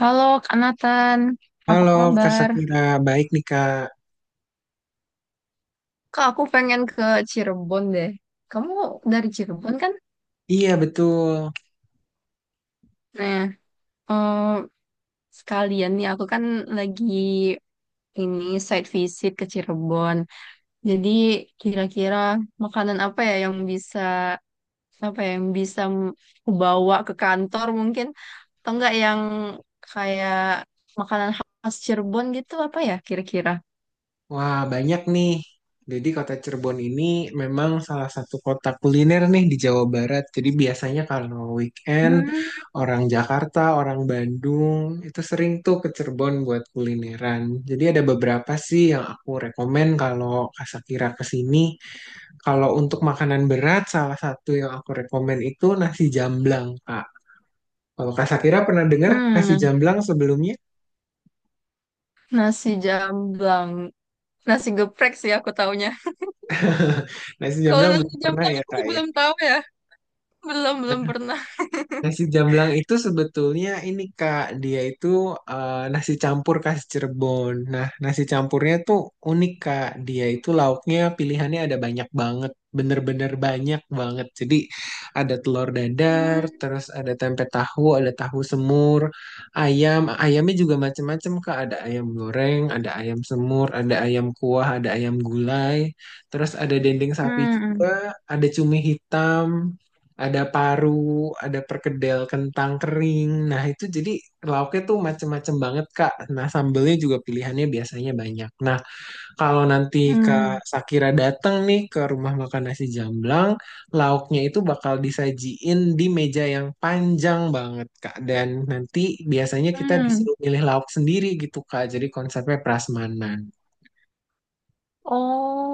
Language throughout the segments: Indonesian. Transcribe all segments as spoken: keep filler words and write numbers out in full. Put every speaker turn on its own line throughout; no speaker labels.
Halo Kak Nathan, apa
Halo Kak
kabar?
Sakira, baik nih Kak.
Kak, aku pengen ke Cirebon deh. Kamu dari Cirebon kan?
Iya betul.
Nah, eh, sekalian nih aku kan lagi ini site visit ke Cirebon. Jadi kira-kira makanan apa ya yang bisa apa ya, yang bisa m- aku bawa ke kantor mungkin? Atau enggak yang kayak makanan khas Cirebon gitu apa ya kira-kira?
Wah banyak nih. Jadi kota Cirebon ini memang salah satu kota kuliner nih di Jawa Barat. Jadi biasanya kalau weekend
Hmm.
orang Jakarta, orang Bandung itu sering tuh ke Cirebon buat kulineran. Jadi ada beberapa sih yang aku rekomen kalau Kak Sakira ke sini. Kalau untuk makanan berat, salah satu yang aku rekomen itu nasi jamblang Kak. Kalau Kak Sakira pernah dengar nasi
hmm,
jamblang sebelumnya?
Nasi jamblang. Nasi geprek sih aku taunya.
Nasi
Kalau
jamblang belum
nasi
pernah
jamblang
ya
aku
kak ya.
belum tahu ya. Belum, belum pernah.
Nasi jamblang itu sebetulnya ini kak dia itu eh, nasi campur khas Cirebon. Nah, nasi campurnya tuh unik kak. Dia itu lauknya pilihannya ada banyak banget, bener-bener banyak banget. Jadi ada telur dadar,
Hmm.
terus ada tempe tahu, ada tahu semur, ayam. Ayamnya juga macem-macem kak. Ada ayam goreng, ada ayam semur, ada ayam kuah, ada ayam gulai. Terus ada dendeng sapi juga,
Hmm.
ada cumi hitam, ada paru, ada perkedel kentang kering. Nah, itu jadi lauknya tuh macem-macem banget, Kak. Nah, sambelnya juga pilihannya biasanya banyak. Nah, kalau nanti
Hmm.
Kak Sakira datang nih ke rumah makan nasi jamblang, lauknya itu bakal disajiin di meja yang panjang banget, Kak. Dan nanti biasanya kita
Hmm.
disuruh milih lauk sendiri gitu, Kak. Jadi konsepnya prasmanan.
Oh,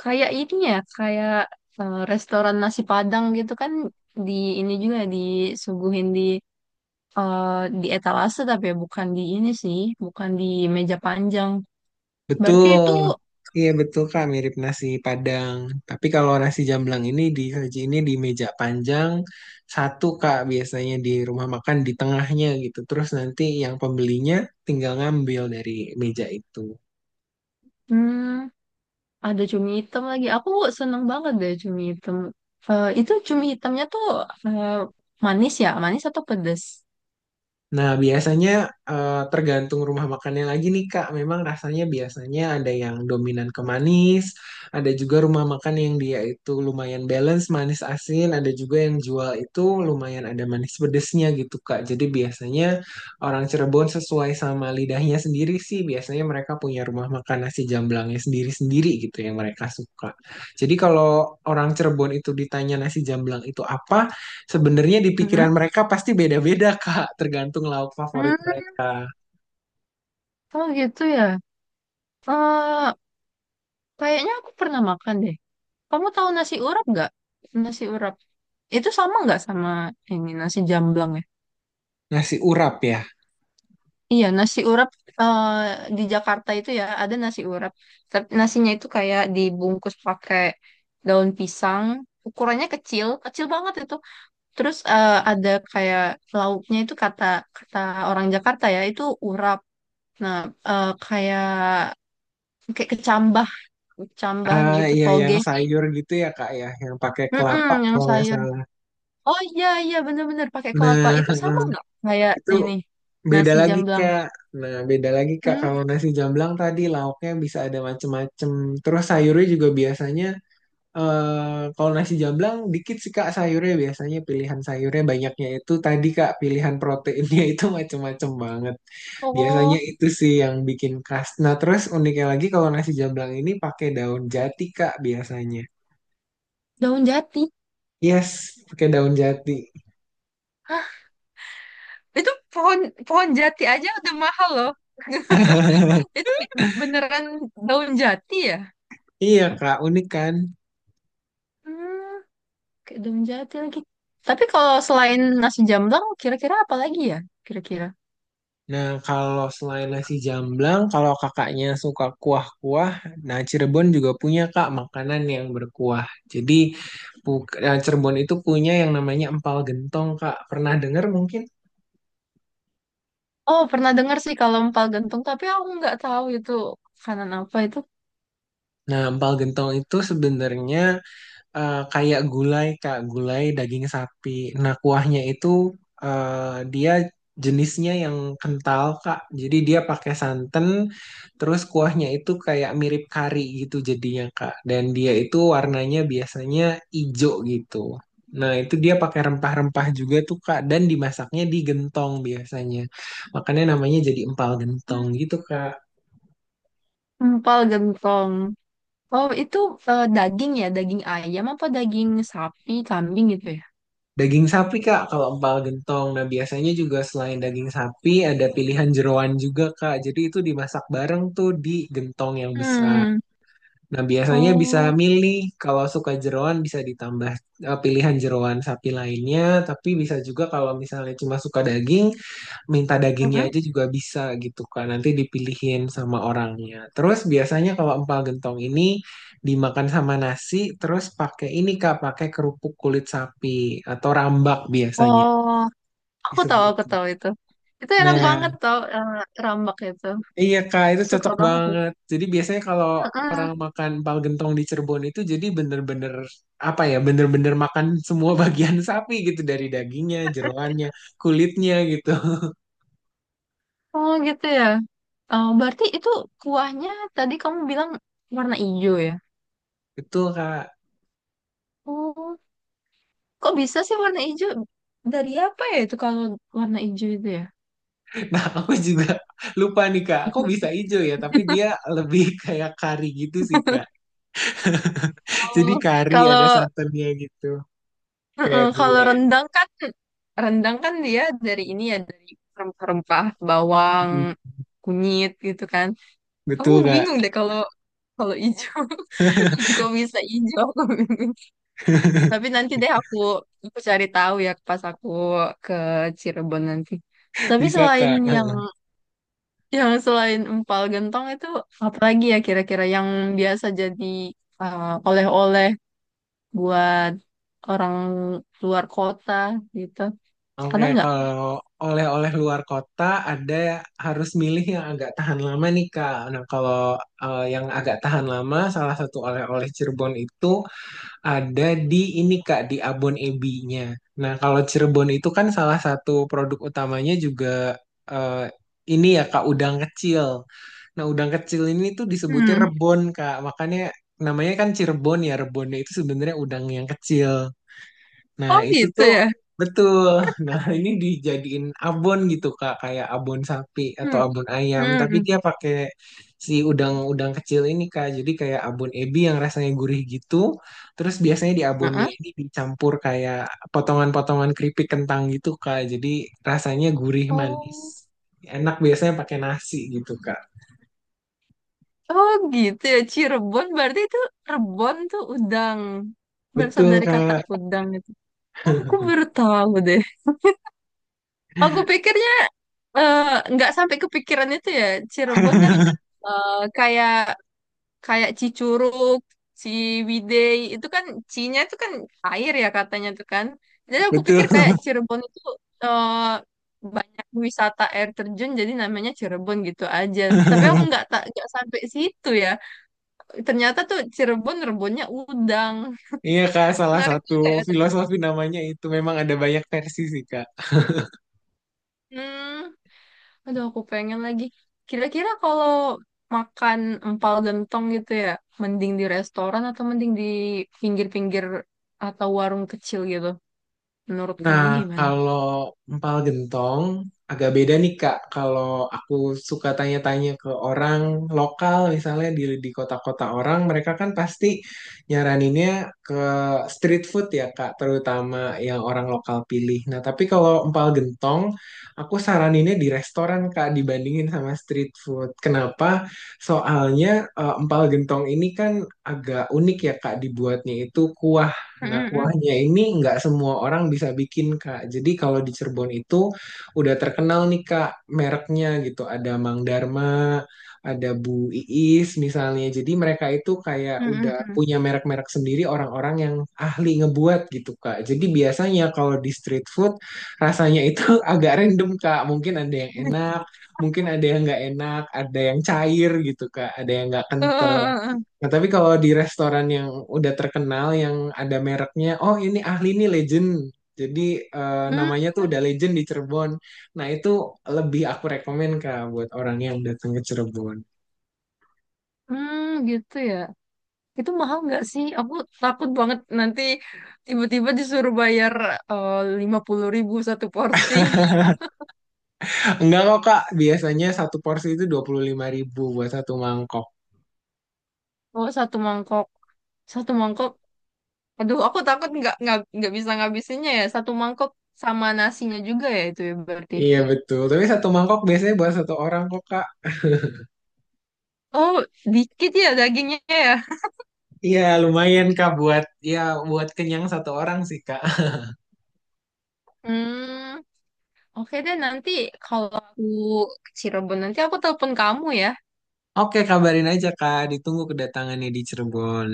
kayak ini ya, kayak eh, restoran nasi Padang gitu kan di ini juga disuguhin di eh, di etalase, tapi ya bukan di ini sih, bukan di meja panjang. Berarti itu.
Betul. Iya betul Kak, mirip nasi Padang. Tapi kalau nasi jamblang ini di ini di meja panjang satu Kak, biasanya di rumah makan di tengahnya gitu. Terus nanti yang pembelinya tinggal ngambil dari meja itu.
Hmm. Ada cumi hitam lagi. Aku seneng banget deh cumi hitam. Eh, itu cumi hitamnya tuh eh, manis ya? Manis atau pedes?
Nah, biasanya eh, tergantung rumah makannya lagi nih, Kak. Memang rasanya biasanya ada yang dominan ke manis, ada juga rumah makan yang dia itu lumayan balance manis asin, ada juga yang jual itu lumayan ada manis pedesnya gitu, Kak. Jadi biasanya orang Cirebon sesuai sama lidahnya sendiri sih, biasanya mereka punya rumah makan nasi jamblangnya sendiri-sendiri gitu yang mereka suka. Jadi kalau orang Cirebon itu ditanya nasi jamblang itu apa, Sebenarnya di
Mhm.
pikiran mereka pasti beda-beda, Kak, tergantung lauk favorit
Hmm,
mereka.
Oh gitu ya. Eh, kayaknya aku pernah makan deh. Kamu tahu nasi urap nggak? Nasi urap. Itu sama nggak sama ini nasi jamblang ya?
Nasi urap ya.
Iya, nasi urap eh, di Jakarta itu ya ada nasi urap. Tapi nasinya itu kayak dibungkus pakai daun pisang. Ukurannya kecil, kecil banget itu. Terus eh, ada kayak lauknya itu kata kata orang Jakarta ya itu urap. Nah, eh, kayak kayak kecambah, kecambah
Ah,
gitu
iya
toge.
yang sayur gitu ya, Kak ya, yang pakai
Mm-mm,
kelapa
yang
kalau nggak
sayur.
salah.
Oh iya iya bener-bener pakai
Nah,
kelapa. Itu sama nggak kayak
itu
ini
beda
nasi
lagi,
jamblang?
Kak. Nah, beda lagi, Kak.
Hmm,
Kalau nasi jamblang tadi lauknya bisa ada macem-macem. Terus sayurnya juga biasanya eh kalau nasi jamblang dikit sih Kak sayurnya biasanya pilihan sayurnya banyaknya itu tadi Kak pilihan proteinnya itu macem-macem banget. Biasanya
oh
itu sih yang bikin khas. Nah, terus uniknya lagi kalau nasi jamblang ini pakai daun jati, Kak, biasanya.
daun jati.
Yes, pakai daun jati.
Hah, itu pohon pohon jati aja udah mahal loh. Itu beneran daun jati ya?
Iya, Kak, unik kan?
Hmm. Kedung jati lagi. Tapi kalau selain nasi jamblang, kira-kira apa lagi ya? Kira-kira.
Nah, kalau selain nasi jamblang, kalau kakaknya suka kuah-kuah, nah Cirebon juga punya, Kak, makanan yang berkuah. Jadi, bu- nah, Cirebon itu punya yang namanya empal gentong, Kak. Pernah dengar mungkin?
Oh, pernah dengar sih kalau empal gentong, tapi aku nggak tahu itu makanan apa itu.
Nah, empal gentong itu sebenarnya eh, kayak gulai, Kak, gulai daging sapi. Nah, kuahnya itu eh, dia jenisnya yang kental, Kak. Jadi dia pakai santan, terus kuahnya itu kayak mirip kari gitu jadinya, Kak. Dan dia itu warnanya biasanya ijo gitu. Nah, itu dia pakai rempah-rempah juga tuh, Kak, dan dimasaknya di gentong biasanya. Makanya namanya jadi empal gentong gitu, Kak.
Empal gentong. Oh, itu eh, daging ya, daging ayam apa daging sapi, kambing gitu ya?
Daging sapi Kak, kalau empal gentong. Nah, biasanya juga selain daging sapi ada pilihan jeroan juga Kak. Jadi itu dimasak bareng tuh di gentong yang besar.
Hmm.
Nah, biasanya bisa
Oh,
milih kalau suka jeroan bisa ditambah eh, pilihan jeroan sapi lainnya, tapi bisa juga kalau misalnya cuma suka daging minta dagingnya
mm-mm.
aja juga bisa gitu kan. Nanti dipilihin sama orangnya. Terus biasanya kalau empal gentong ini dimakan sama nasi terus pakai ini kak pakai kerupuk kulit sapi atau rambak biasanya
Oh, aku tahu,
disebut.
aku tahu itu. Itu enak
Nah
banget tau, eh, rambak itu.
iya kak
Aku
itu
suka
cocok
banget.
banget. Jadi biasanya kalau
Mm-mm.
orang makan empal gentong di Cirebon itu jadi bener-bener apa ya bener-bener makan semua bagian sapi gitu, dari dagingnya, jeroannya, kulitnya gitu.
Oh gitu ya. Oh, berarti itu kuahnya tadi kamu bilang warna hijau ya?
Betul kak.
Oh, kok bisa sih warna hijau? Dari apa ya itu kalau warna hijau itu ya?
Nah, aku juga lupa nih Kak. Kok bisa hijau ya? Tapi dia lebih kayak kari gitu sih Kak. Jadi
Oh,
kari ada
kalau
santannya gitu.
Mm-mm,
Kayak
kalau
gulai.
rendang kan rendang kan dia dari ini ya dari rempah-rempah bawang
Mm,
kunyit gitu kan. Aku
Betul
bingung
Kak.
deh kalau kalau hijau kok bisa hijau? Tapi nanti deh aku aku cari tahu ya pas aku ke Cirebon nanti. Tapi
Bisa
selain
Kak.
yang
Heeh.
yang selain empal gentong itu apa lagi ya kira-kira yang biasa jadi uh, oleh-oleh buat orang luar kota gitu.
Oke,
Ada nggak?
kalau oleh-oleh luar kota ada harus milih yang agak tahan lama nih Kak. Nah, kalau eh, yang agak tahan lama, salah satu oleh-oleh Cirebon itu Ada di ini Kak, di abon ebi-nya. Nah, kalau Cirebon itu kan salah satu produk utamanya juga eh, ini ya Kak, udang kecil. Nah, udang kecil ini tuh disebutnya
Hmm.
rebon Kak, makanya namanya kan Cirebon ya, rebonnya itu sebenarnya udang yang kecil. Nah,
Oh
itu
gitu
tuh
ya.
betul. Nah, ini dijadiin abon gitu, Kak, kayak abon sapi atau
Hmm.
abon ayam, tapi
Hmm.
dia pakai si udang-udang kecil ini, Kak. Jadi kayak abon ebi yang rasanya gurih gitu. Terus biasanya di abonnya
Heeh.
ini dicampur kayak potongan-potongan keripik kentang gitu, Kak. Jadi rasanya gurih manis.
Oh.
Enak biasanya pakai nasi gitu, Kak.
Oh gitu ya. Cirebon berarti itu Rebon tuh udang. Berasal
Betul,
dari kata
Kak.
udang. Oh, aku baru tahu deh. Aku pikirnya eh, nggak sampai kepikiran itu ya. Cirebon kan eh, kayak kayak Cicurug, Ciwidey itu kan C-nya itu kan air ya katanya tuh kan. Jadi aku
Betul.
pikir kayak Cirebon itu eh, banyak wisata air terjun jadi namanya Cirebon gitu aja. Tapi aku nggak tak nggak sampai situ ya. Ternyata tuh Cirebon rebonnya udang.
Iya, Kak, salah
Menarik
satu
juga ya ternyata.
filosofi namanya itu memang ada banyak versi sih, Kak.
Hmm. Aduh, aku pengen lagi. Kira-kira kalau makan empal gentong gitu ya, mending di restoran atau mending di pinggir-pinggir atau warung kecil gitu? Menurut
Nah,
kamu gimana?
kalau empal gentong agak beda nih Kak. Kalau aku suka tanya-tanya ke orang lokal misalnya di di kota-kota orang, mereka kan pasti nyaraninnya ke street food ya Kak, terutama yang orang lokal pilih. Nah, tapi kalau empal gentong, aku saraninnya di restoran Kak dibandingin sama street food. Kenapa? Soalnya eh, empal gentong ini kan agak unik ya Kak dibuatnya itu kuah. Nah,
Mm-mm-mm.
kuahnya ini nggak semua orang bisa bikin, Kak. Jadi kalau di Cirebon itu udah terkenal nih, Kak, mereknya gitu. Ada Mang Dharma, ada Bu Iis misalnya. Jadi mereka itu kayak udah
Mm-mm-mm.
punya merek-merek sendiri orang-orang yang ahli ngebuat gitu, Kak. Jadi biasanya kalau di street food rasanya itu agak random, Kak. Mungkin ada yang enak, mungkin ada yang nggak enak, ada yang cair gitu, Kak. Ada yang nggak
Eh,
kental.
eh, eh, eh.
Nah, tapi kalau di restoran yang udah terkenal, yang ada mereknya, oh ini ahli nih legend. Jadi eh,
Hmm,
namanya tuh udah legend di Cirebon. Nah, itu lebih aku rekomen Kak buat orang yang datang ke Cirebon.
hmm, gitu ya. Itu mahal nggak sih? Aku takut banget nanti tiba-tiba disuruh bayar eh, lima puluh ribu satu porsi.
Enggak kok Kak, biasanya satu porsi itu dua puluh lima ribu buat satu mangkok.
Oh, satu mangkok. Satu mangkok. Aduh, aku takut nggak nggak nggak bisa ngabisinnya ya. Satu mangkok sama nasinya juga ya itu ya berarti.
Iya betul, tapi satu mangkok biasanya buat satu orang kok Kak.
Oh, dikit ya dagingnya ya.
Iya, lumayan Kak buat ya buat kenyang satu orang sih Kak.
Hmm, oke deh nanti kalau aku ke Cirebon nanti aku telepon kamu ya.
Oke, kabarin aja Kak, ditunggu kedatangannya di Cirebon.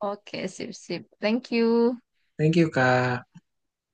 Oke, sip sip. Thank you.
Thank you Kak.